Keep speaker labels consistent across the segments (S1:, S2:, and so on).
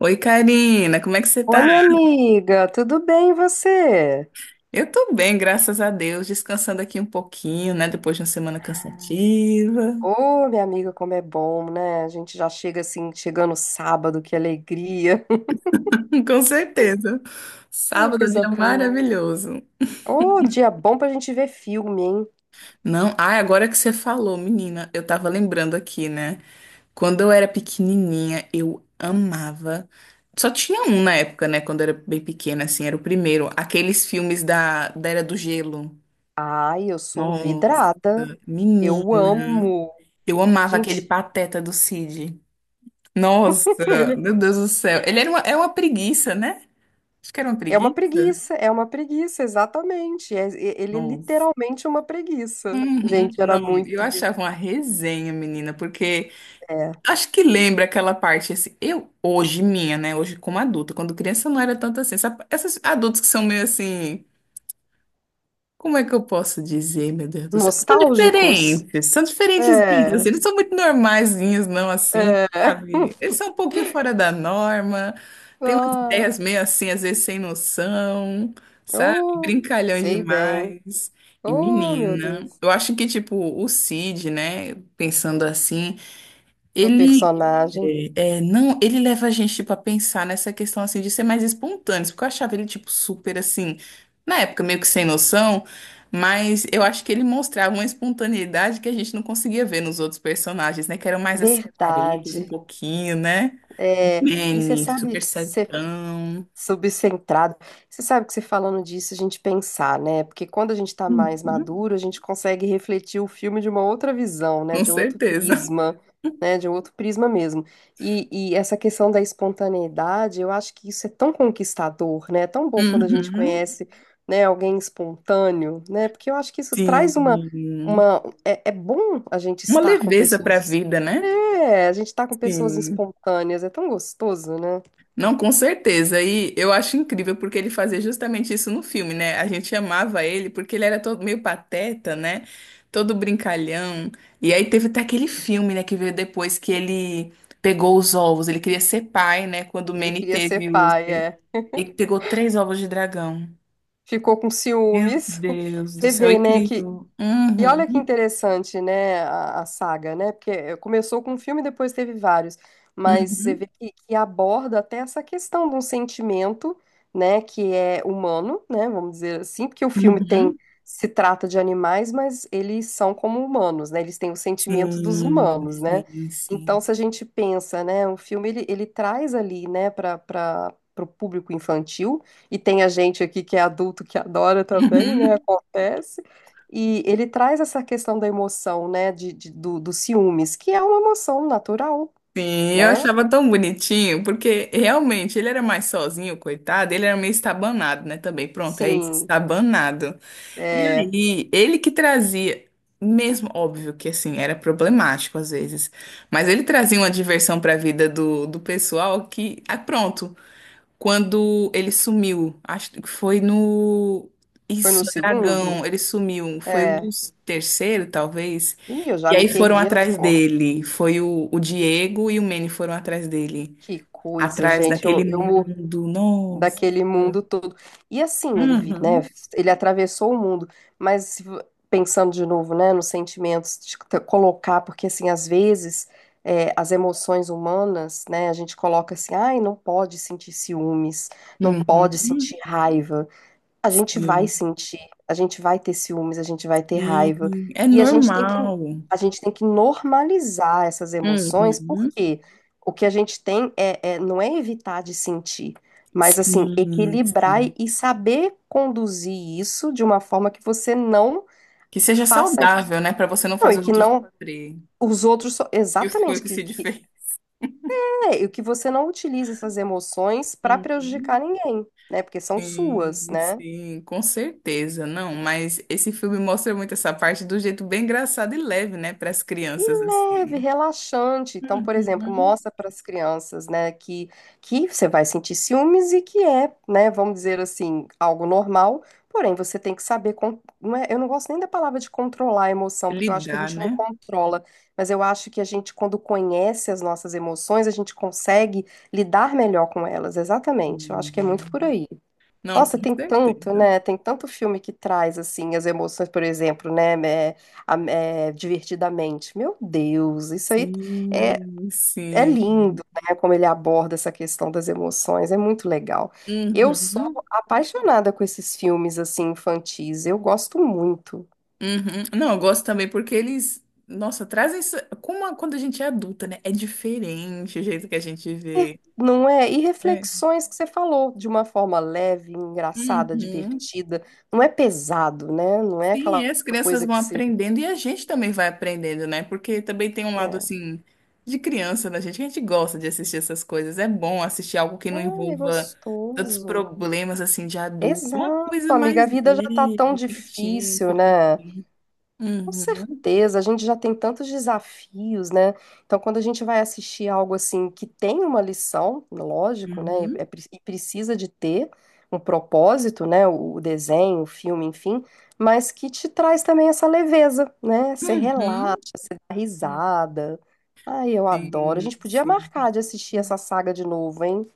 S1: Oi, Karina, como é que você
S2: Oi,
S1: tá?
S2: minha amiga, tudo bem e você?
S1: Eu tô bem, graças a Deus, descansando aqui um pouquinho, né? Depois de uma semana cansativa.
S2: Ô, minha amiga, como é bom, né? A gente já chega assim, chegando sábado, que alegria.
S1: Com certeza.
S2: Ai,
S1: Sábado, é um
S2: coisa
S1: dia
S2: boa.
S1: maravilhoso.
S2: Ô, dia bom pra gente ver filme, hein?
S1: Não, ai, agora que você falou, menina, eu tava lembrando aqui, né? Quando eu era pequenininha, eu amava. Só tinha um na época, né? Quando eu era bem pequena, assim, era o primeiro. Aqueles filmes da Era do Gelo.
S2: Ai, eu sou
S1: Nossa,
S2: vidrada.
S1: menina.
S2: Eu amo.
S1: Eu amava aquele
S2: Gente,
S1: Pateta do Cid. Nossa,
S2: ele
S1: meu Deus do céu. Ele é uma preguiça, né? Acho que era uma
S2: é uma
S1: preguiça.
S2: preguiça, é uma preguiça, exatamente. Ele é
S1: Nossa.
S2: literalmente uma preguiça.
S1: Uhum.
S2: Gente, era
S1: Não, eu
S2: muito de...
S1: achava uma resenha, menina, porque
S2: É,
S1: acho que lembra aquela parte assim. Eu, hoje, minha, né? Hoje, como adulta, quando criança não era tanto assim. Essas adultos que são meio assim. Como é que eu posso dizer, meu Deus do céu? São
S2: nostálgicos.
S1: diferentes, são diferentezinhos,
S2: É,
S1: assim, eles são muito normaizinhos, não assim,
S2: é.
S1: sabe? Eles são um pouquinho fora da norma, têm umas
S2: Ah.
S1: ideias meio assim, às vezes sem noção, sabe?
S2: Oh,
S1: Brincalhões
S2: sei bem.
S1: demais. E
S2: Oh, meu
S1: menina,
S2: Deus.
S1: eu acho que, tipo, o Cid, né, pensando assim,
S2: Meu
S1: ele
S2: personagem.
S1: não, ele leva a gente, tipo, a pensar nessa questão, assim, de ser mais espontâneos, porque eu achava ele, tipo, super, assim, na época, meio que sem noção, mas eu acho que ele mostrava uma espontaneidade que a gente não conseguia ver nos outros personagens, né, que eram mais, assim, caretos um
S2: Verdade.
S1: pouquinho, né,
S2: É, e você
S1: Manny,
S2: sabe,
S1: super
S2: você.
S1: certão.
S2: Subcentrado. Você sabe que você falando disso, a gente pensar, né? Porque quando a gente tá mais
S1: Uhum,
S2: maduro, a gente consegue refletir o filme de uma outra visão, né?
S1: com
S2: De outro
S1: certeza.
S2: prisma, né? De outro prisma mesmo. E essa questão da espontaneidade, eu acho que isso é tão conquistador, né? É tão bom quando a gente
S1: Uhum,
S2: conhece, né, alguém espontâneo, né? Porque eu acho que isso traz
S1: sim,
S2: uma... É, é bom a gente
S1: uma
S2: estar com
S1: leveza pra
S2: pessoas...
S1: vida, né?
S2: É, a gente tá com pessoas
S1: Sim.
S2: espontâneas, é tão gostoso, né?
S1: Não, com certeza. E eu acho incrível porque ele fazia justamente isso no filme, né? A gente amava ele porque ele era todo meio pateta, né? Todo brincalhão. E aí teve até aquele filme, né, que veio depois que ele pegou os ovos. Ele queria ser pai, né? Quando o
S2: Ele
S1: Manny
S2: queria ser
S1: teve os.
S2: pai,
S1: Ele
S2: é.
S1: ele pegou três ovos de dragão.
S2: Ficou com
S1: Meu
S2: ciúmes.
S1: Deus do
S2: Você
S1: céu,
S2: vê,
S1: e
S2: né, que
S1: criou.
S2: e
S1: Uhum,
S2: olha que interessante, né, a saga, né? Porque eh, começou com um filme, depois teve vários, mas você vê
S1: uhum,
S2: que aborda até essa questão de um sentimento, né, que é humano, né, vamos dizer assim, porque o filme tem
S1: uhum.
S2: se trata de animais, mas eles são como humanos, né? Eles têm o sentimento dos
S1: Sim,
S2: humanos, né?
S1: sim,
S2: Então,
S1: sim.
S2: se a gente pensa, né, o filme ele, ele traz ali, né, para o público infantil, e tem a gente aqui que é adulto que adora também, né? Acontece. E ele traz essa questão da emoção, né, de- do, dos ciúmes, que é uma emoção natural,
S1: Sim, eu
S2: né?
S1: achava tão bonitinho, porque realmente ele era mais sozinho, coitado, ele era meio estabanado, né, também. Pronto, é isso,
S2: Sim,
S1: estabanado. E
S2: é,
S1: aí, ele que trazia, mesmo óbvio que assim, era problemático às vezes, mas ele trazia uma diversão para a vida do pessoal que, ah, pronto, quando ele sumiu. Acho que foi no.
S2: foi
S1: Isso,
S2: no
S1: Dragão,
S2: segundo?
S1: ele sumiu. Foi um
S2: É.
S1: dos terceiro, talvez.
S2: Ih, eu já
S1: E
S2: me
S1: aí foram
S2: perdi as
S1: atrás
S2: contas.
S1: dele. Foi o Diego e o Manny foram atrás dele.
S2: Que coisa,
S1: Atrás
S2: gente.
S1: daquele
S2: Eu,
S1: mundo. Nossa.
S2: daquele mundo todo. E assim, ele, vi- né,
S1: Uhum.
S2: ele atravessou o mundo, mas se vo- pensando de novo, né, nos sentimentos, de te- colocar, porque assim, às vezes é, as emoções humanas, né, a gente coloca assim, ai, não pode sentir ciúmes, não pode sentir
S1: Uhum.
S2: raiva, a gente vai
S1: Sim,
S2: sentir, a gente vai ter ciúmes, a gente vai ter raiva.
S1: sim. É
S2: E a gente tem que,
S1: normal.
S2: a gente tem que normalizar essas emoções,
S1: Uhum.
S2: porque o que a gente tem é, é- não é evitar de sentir, mas assim,
S1: Sim,
S2: equilibrar
S1: sim.
S2: e saber conduzir isso de uma forma que você não
S1: Que seja
S2: faça isso,
S1: saudável, né? Pra você não
S2: não, e
S1: fazer
S2: que
S1: outros
S2: não
S1: sofrer.
S2: os outros, so-
S1: Isso foi o
S2: exatamente,
S1: que o Cid
S2: que,
S1: fez.
S2: é, e que você não utilize essas emoções para prejudicar
S1: Uhum.
S2: ninguém, né? Porque são suas,
S1: Sim,
S2: né?
S1: sim, com certeza, não, mas esse filme mostra muito essa parte do jeito bem engraçado e leve, né, para as
S2: E
S1: crianças
S2: leve,
S1: assim.
S2: relaxante. Então, por exemplo,
S1: Uhum.
S2: mostra para as crianças, né, que você vai sentir ciúmes e que é, né, vamos dizer assim, algo normal, porém você tem que saber, con- não é- eu não gosto nem da palavra de controlar a emoção, porque eu acho que a
S1: Lidar,
S2: gente não
S1: né?
S2: controla, mas eu acho que a gente, quando conhece as nossas emoções, a gente consegue lidar melhor com elas, exatamente. Eu acho que é muito
S1: Hum.
S2: por aí.
S1: Não, com
S2: Nossa, tem tanto,
S1: certeza.
S2: né? Tem tanto filme que traz, assim, as emoções, por exemplo, né? É, a- é, Divertidamente. Meu Deus, isso aí é,
S1: Sim,
S2: é
S1: sim.
S2: lindo, né? Como ele aborda essa questão das emoções, é muito legal. Eu sou
S1: Uhum,
S2: apaixonada com esses filmes, assim, infantis, eu gosto muito.
S1: uhum. Não, eu gosto também porque eles, nossa, trazem isso quando a gente é adulta, né? É diferente o jeito que a gente
S2: E-
S1: vê,
S2: Não é? E
S1: né?
S2: reflexões que você falou, de uma forma leve, engraçada,
S1: Uhum.
S2: divertida. Não é pesado, né? Não é
S1: Sim, e
S2: aquela
S1: as crianças
S2: coisa
S1: vão
S2: que você...
S1: aprendendo e a gente também vai aprendendo, né? Porque também tem um lado
S2: É.
S1: assim de criança da gente, que a gente gosta de assistir essas coisas. É bom assistir algo que não
S2: Ai, é
S1: envolva tantos
S2: gostoso.
S1: problemas assim de adulto, uma
S2: Exato,
S1: coisa
S2: amiga.
S1: mais
S2: A vida já tá tão
S1: leve, fictícia
S2: difícil, né?
S1: também.
S2: Com
S1: Uhum,
S2: certeza, a gente já tem tantos desafios, né? Então, quando a gente vai assistir algo assim que tem uma lição, lógico, né? E, é
S1: uhum,
S2: pre- e precisa de ter um propósito, né? O desenho, o filme, enfim, mas que te traz também essa leveza, né? Você relaxa,
S1: uhum.
S2: você dá
S1: É,
S2: risada. Ai, eu adoro. A
S1: sim,
S2: gente podia
S1: sim.
S2: marcar de assistir essa saga de novo, hein?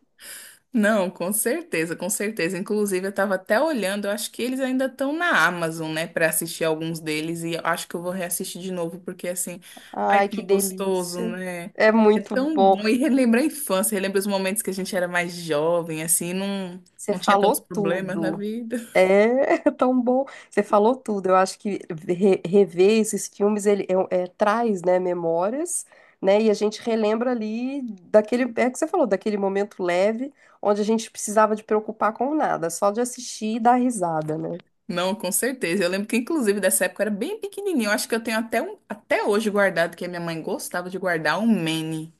S1: Não, com certeza, com certeza. Inclusive, eu estava até olhando, eu acho que eles ainda estão na Amazon, né, para assistir alguns deles, e eu acho que eu vou reassistir de novo, porque assim, ai,
S2: Ai, que
S1: tão gostoso,
S2: delícia.
S1: né?
S2: É
S1: É
S2: muito
S1: tão
S2: bom.
S1: bom e relembra a infância, relembra os momentos que a gente era mais jovem, assim, não,
S2: Você
S1: não tinha tantos
S2: falou
S1: problemas na
S2: tudo.
S1: vida.
S2: É tão bom. Você falou tudo. Eu acho que re- rever esses filmes ele é, é- traz, né, memórias, né? E a gente relembra ali daquele, é o que você falou, daquele momento leve onde a gente precisava de preocupar com nada, só de assistir e dar risada, né?
S1: Não, com certeza. Eu lembro que, inclusive, dessa época eu era bem pequenininho. Eu acho que eu tenho até, um, até hoje guardado, que a minha mãe gostava de guardar um Manny,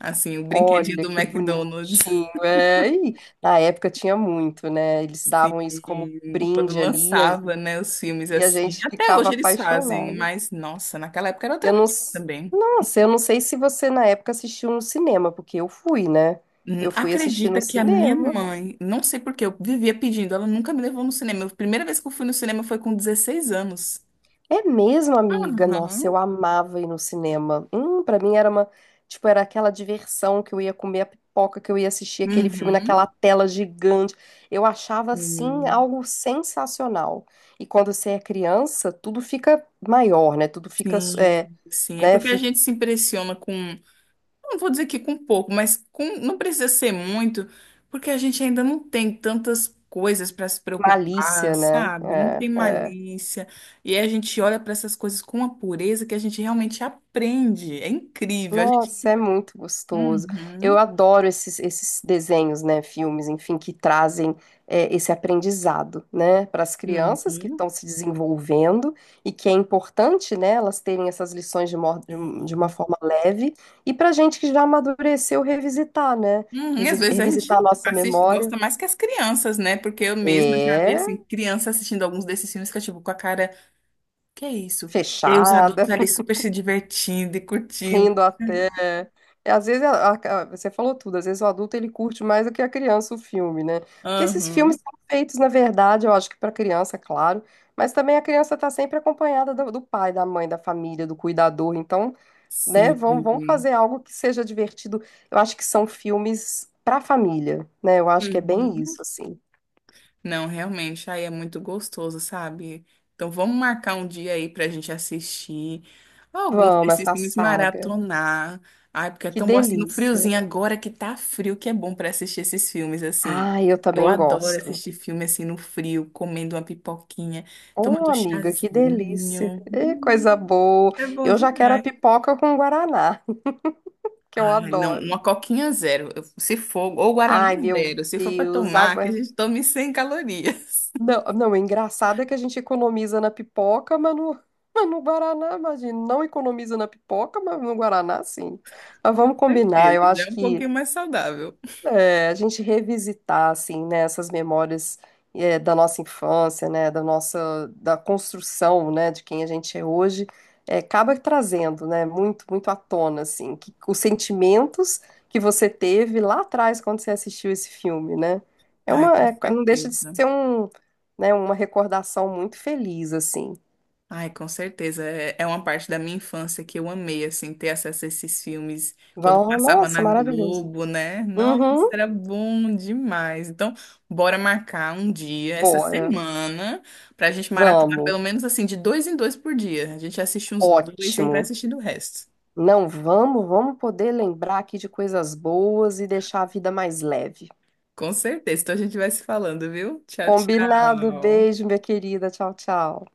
S1: assim, o brinquedinho
S2: Olha
S1: do
S2: que
S1: McDonald's.
S2: bonitinho. É, e na época tinha muito, né? Eles davam isso como
S1: Sim, quando
S2: brinde ali e a
S1: lançava, né, os filmes
S2: e a
S1: assim.
S2: gente
S1: Até
S2: ficava
S1: hoje eles fazem,
S2: apaixonado.
S1: mas nossa, naquela época era outra
S2: Eu não.
S1: coisa
S2: s-
S1: também.
S2: Nossa, eu não sei se você na época assistiu no cinema, porque eu fui, né? Eu fui assistir no
S1: Acredita que a minha
S2: cinema.
S1: mãe, não sei por que, eu vivia pedindo, ela nunca me levou no cinema. A primeira vez que eu fui no cinema foi com 16 anos.
S2: É mesmo, amiga? Nossa, eu
S1: Aham.
S2: amava ir no cinema. Para mim era uma, tipo, era aquela diversão que eu ia comer a pipoca, que eu ia assistir aquele filme naquela
S1: Uhum.
S2: tela gigante. Eu achava assim
S1: Sim,
S2: algo sensacional. E quando você é criança, tudo fica maior, né? Tudo fica, é,
S1: sim, sim. É
S2: né?
S1: porque a
S2: Fica
S1: gente se impressiona com não vou dizer que com pouco, mas com, não precisa ser muito, porque a gente ainda não tem tantas coisas para se preocupar,
S2: malícia, né?
S1: sabe? Não tem
S2: É. É.
S1: malícia. E aí a gente olha para essas coisas com uma pureza que a gente realmente aprende. É incrível. A gente...
S2: Nossa, é muito gostoso.
S1: Uhum,
S2: Eu adoro esses desenhos, né, filmes, enfim, que trazem é, esse aprendizado, né, para as
S1: uhum,
S2: crianças que
S1: sim.
S2: estão se desenvolvendo e que é importante, né, elas terem essas lições de, mor- de um- de uma forma leve e para a gente que já amadureceu revisitar, né,
S1: Uhum, e às
S2: resi-
S1: vezes a gente
S2: revisitar a nossa
S1: assiste,
S2: memória.
S1: gosta mais que as crianças, né? Porque eu mesma já vi, assim,
S2: É
S1: criança assistindo alguns desses filmes que eu, tipo, com a cara, que é isso? E aí os adultos
S2: fechada.
S1: ali super se divertindo e curtindo.
S2: Rindo até. É, às vezes, a- você falou tudo, às vezes o adulto ele curte mais do que a criança o filme, né? Porque esses
S1: Aham.
S2: filmes são feitos, na verdade, eu acho que para criança, claro, mas também a criança está sempre acompanhada do, do pai, da mãe, da família, do cuidador. Então, né, vamos, vamos
S1: Sim.
S2: fazer algo que seja divertido. Eu acho que são filmes para família, né? Eu acho que é bem
S1: Uhum.
S2: isso, assim.
S1: Não, realmente, aí é muito gostoso, sabe? Então vamos marcar um dia aí pra gente assistir alguns
S2: Vamos,
S1: desses
S2: essa
S1: filmes
S2: saga.
S1: maratonar. Ai, porque é
S2: Que
S1: tão bom assim no
S2: delícia.
S1: friozinho agora que tá frio, que é bom pra assistir esses filmes assim.
S2: Ah, eu
S1: Eu
S2: também
S1: adoro
S2: gosto.
S1: assistir filme assim no frio, comendo uma pipoquinha, tomando
S2: Ô,
S1: um
S2: amiga, que delícia.
S1: chazinho.
S2: Ê, coisa boa.
S1: É bom
S2: Eu já quero a
S1: demais.
S2: pipoca com guaraná, que eu
S1: Ai, não,
S2: adoro.
S1: uma coquinha zero. Se for, ou Guaraná
S2: Ai, meu
S1: zero, se for para
S2: Deus,
S1: tomar,
S2: água.
S1: que a
S2: É
S1: gente tome 100 calorias.
S2: Não, não, o engraçado é que a gente economiza na pipoca, mas no, mas no guaraná, imagina. Não economiza na pipoca, mas no guaraná, sim. Mas
S1: Com
S2: vamos combinar.
S1: certeza,
S2: Eu
S1: já
S2: acho
S1: é um
S2: que
S1: pouquinho mais saudável.
S2: é, a gente revisitar, assim, né, essas memórias é, da nossa infância, né, da nossa, da construção, né, de quem a gente é hoje, é, acaba trazendo, né, muito, muito à tona, assim, que, os sentimentos que você teve lá atrás quando você assistiu esse filme, né, é
S1: Ai,
S2: uma,
S1: com
S2: é, não deixa de
S1: certeza.
S2: ser um, né, uma recordação muito feliz, assim.
S1: Ai, com certeza. É, é uma parte da minha infância que eu amei, assim, ter acesso a esses filmes quando
S2: Vão,
S1: passava
S2: nossa,
S1: na
S2: maravilhoso.
S1: Globo, né? Nossa,
S2: Uhum,
S1: era bom demais. Então, bora marcar um dia, essa
S2: bora,
S1: semana, pra gente maratonar pelo
S2: vamos,
S1: menos, assim, de dois em dois por dia. A gente assiste uns dois e aí vai
S2: ótimo.
S1: assistindo o resto.
S2: Não, vamos, vamos poder lembrar aqui de coisas boas e deixar a vida mais leve.
S1: Com certeza. Então a gente vai se falando, viu? Tchau,
S2: Combinado,
S1: tchau.
S2: beijo, minha querida. Tchau, tchau.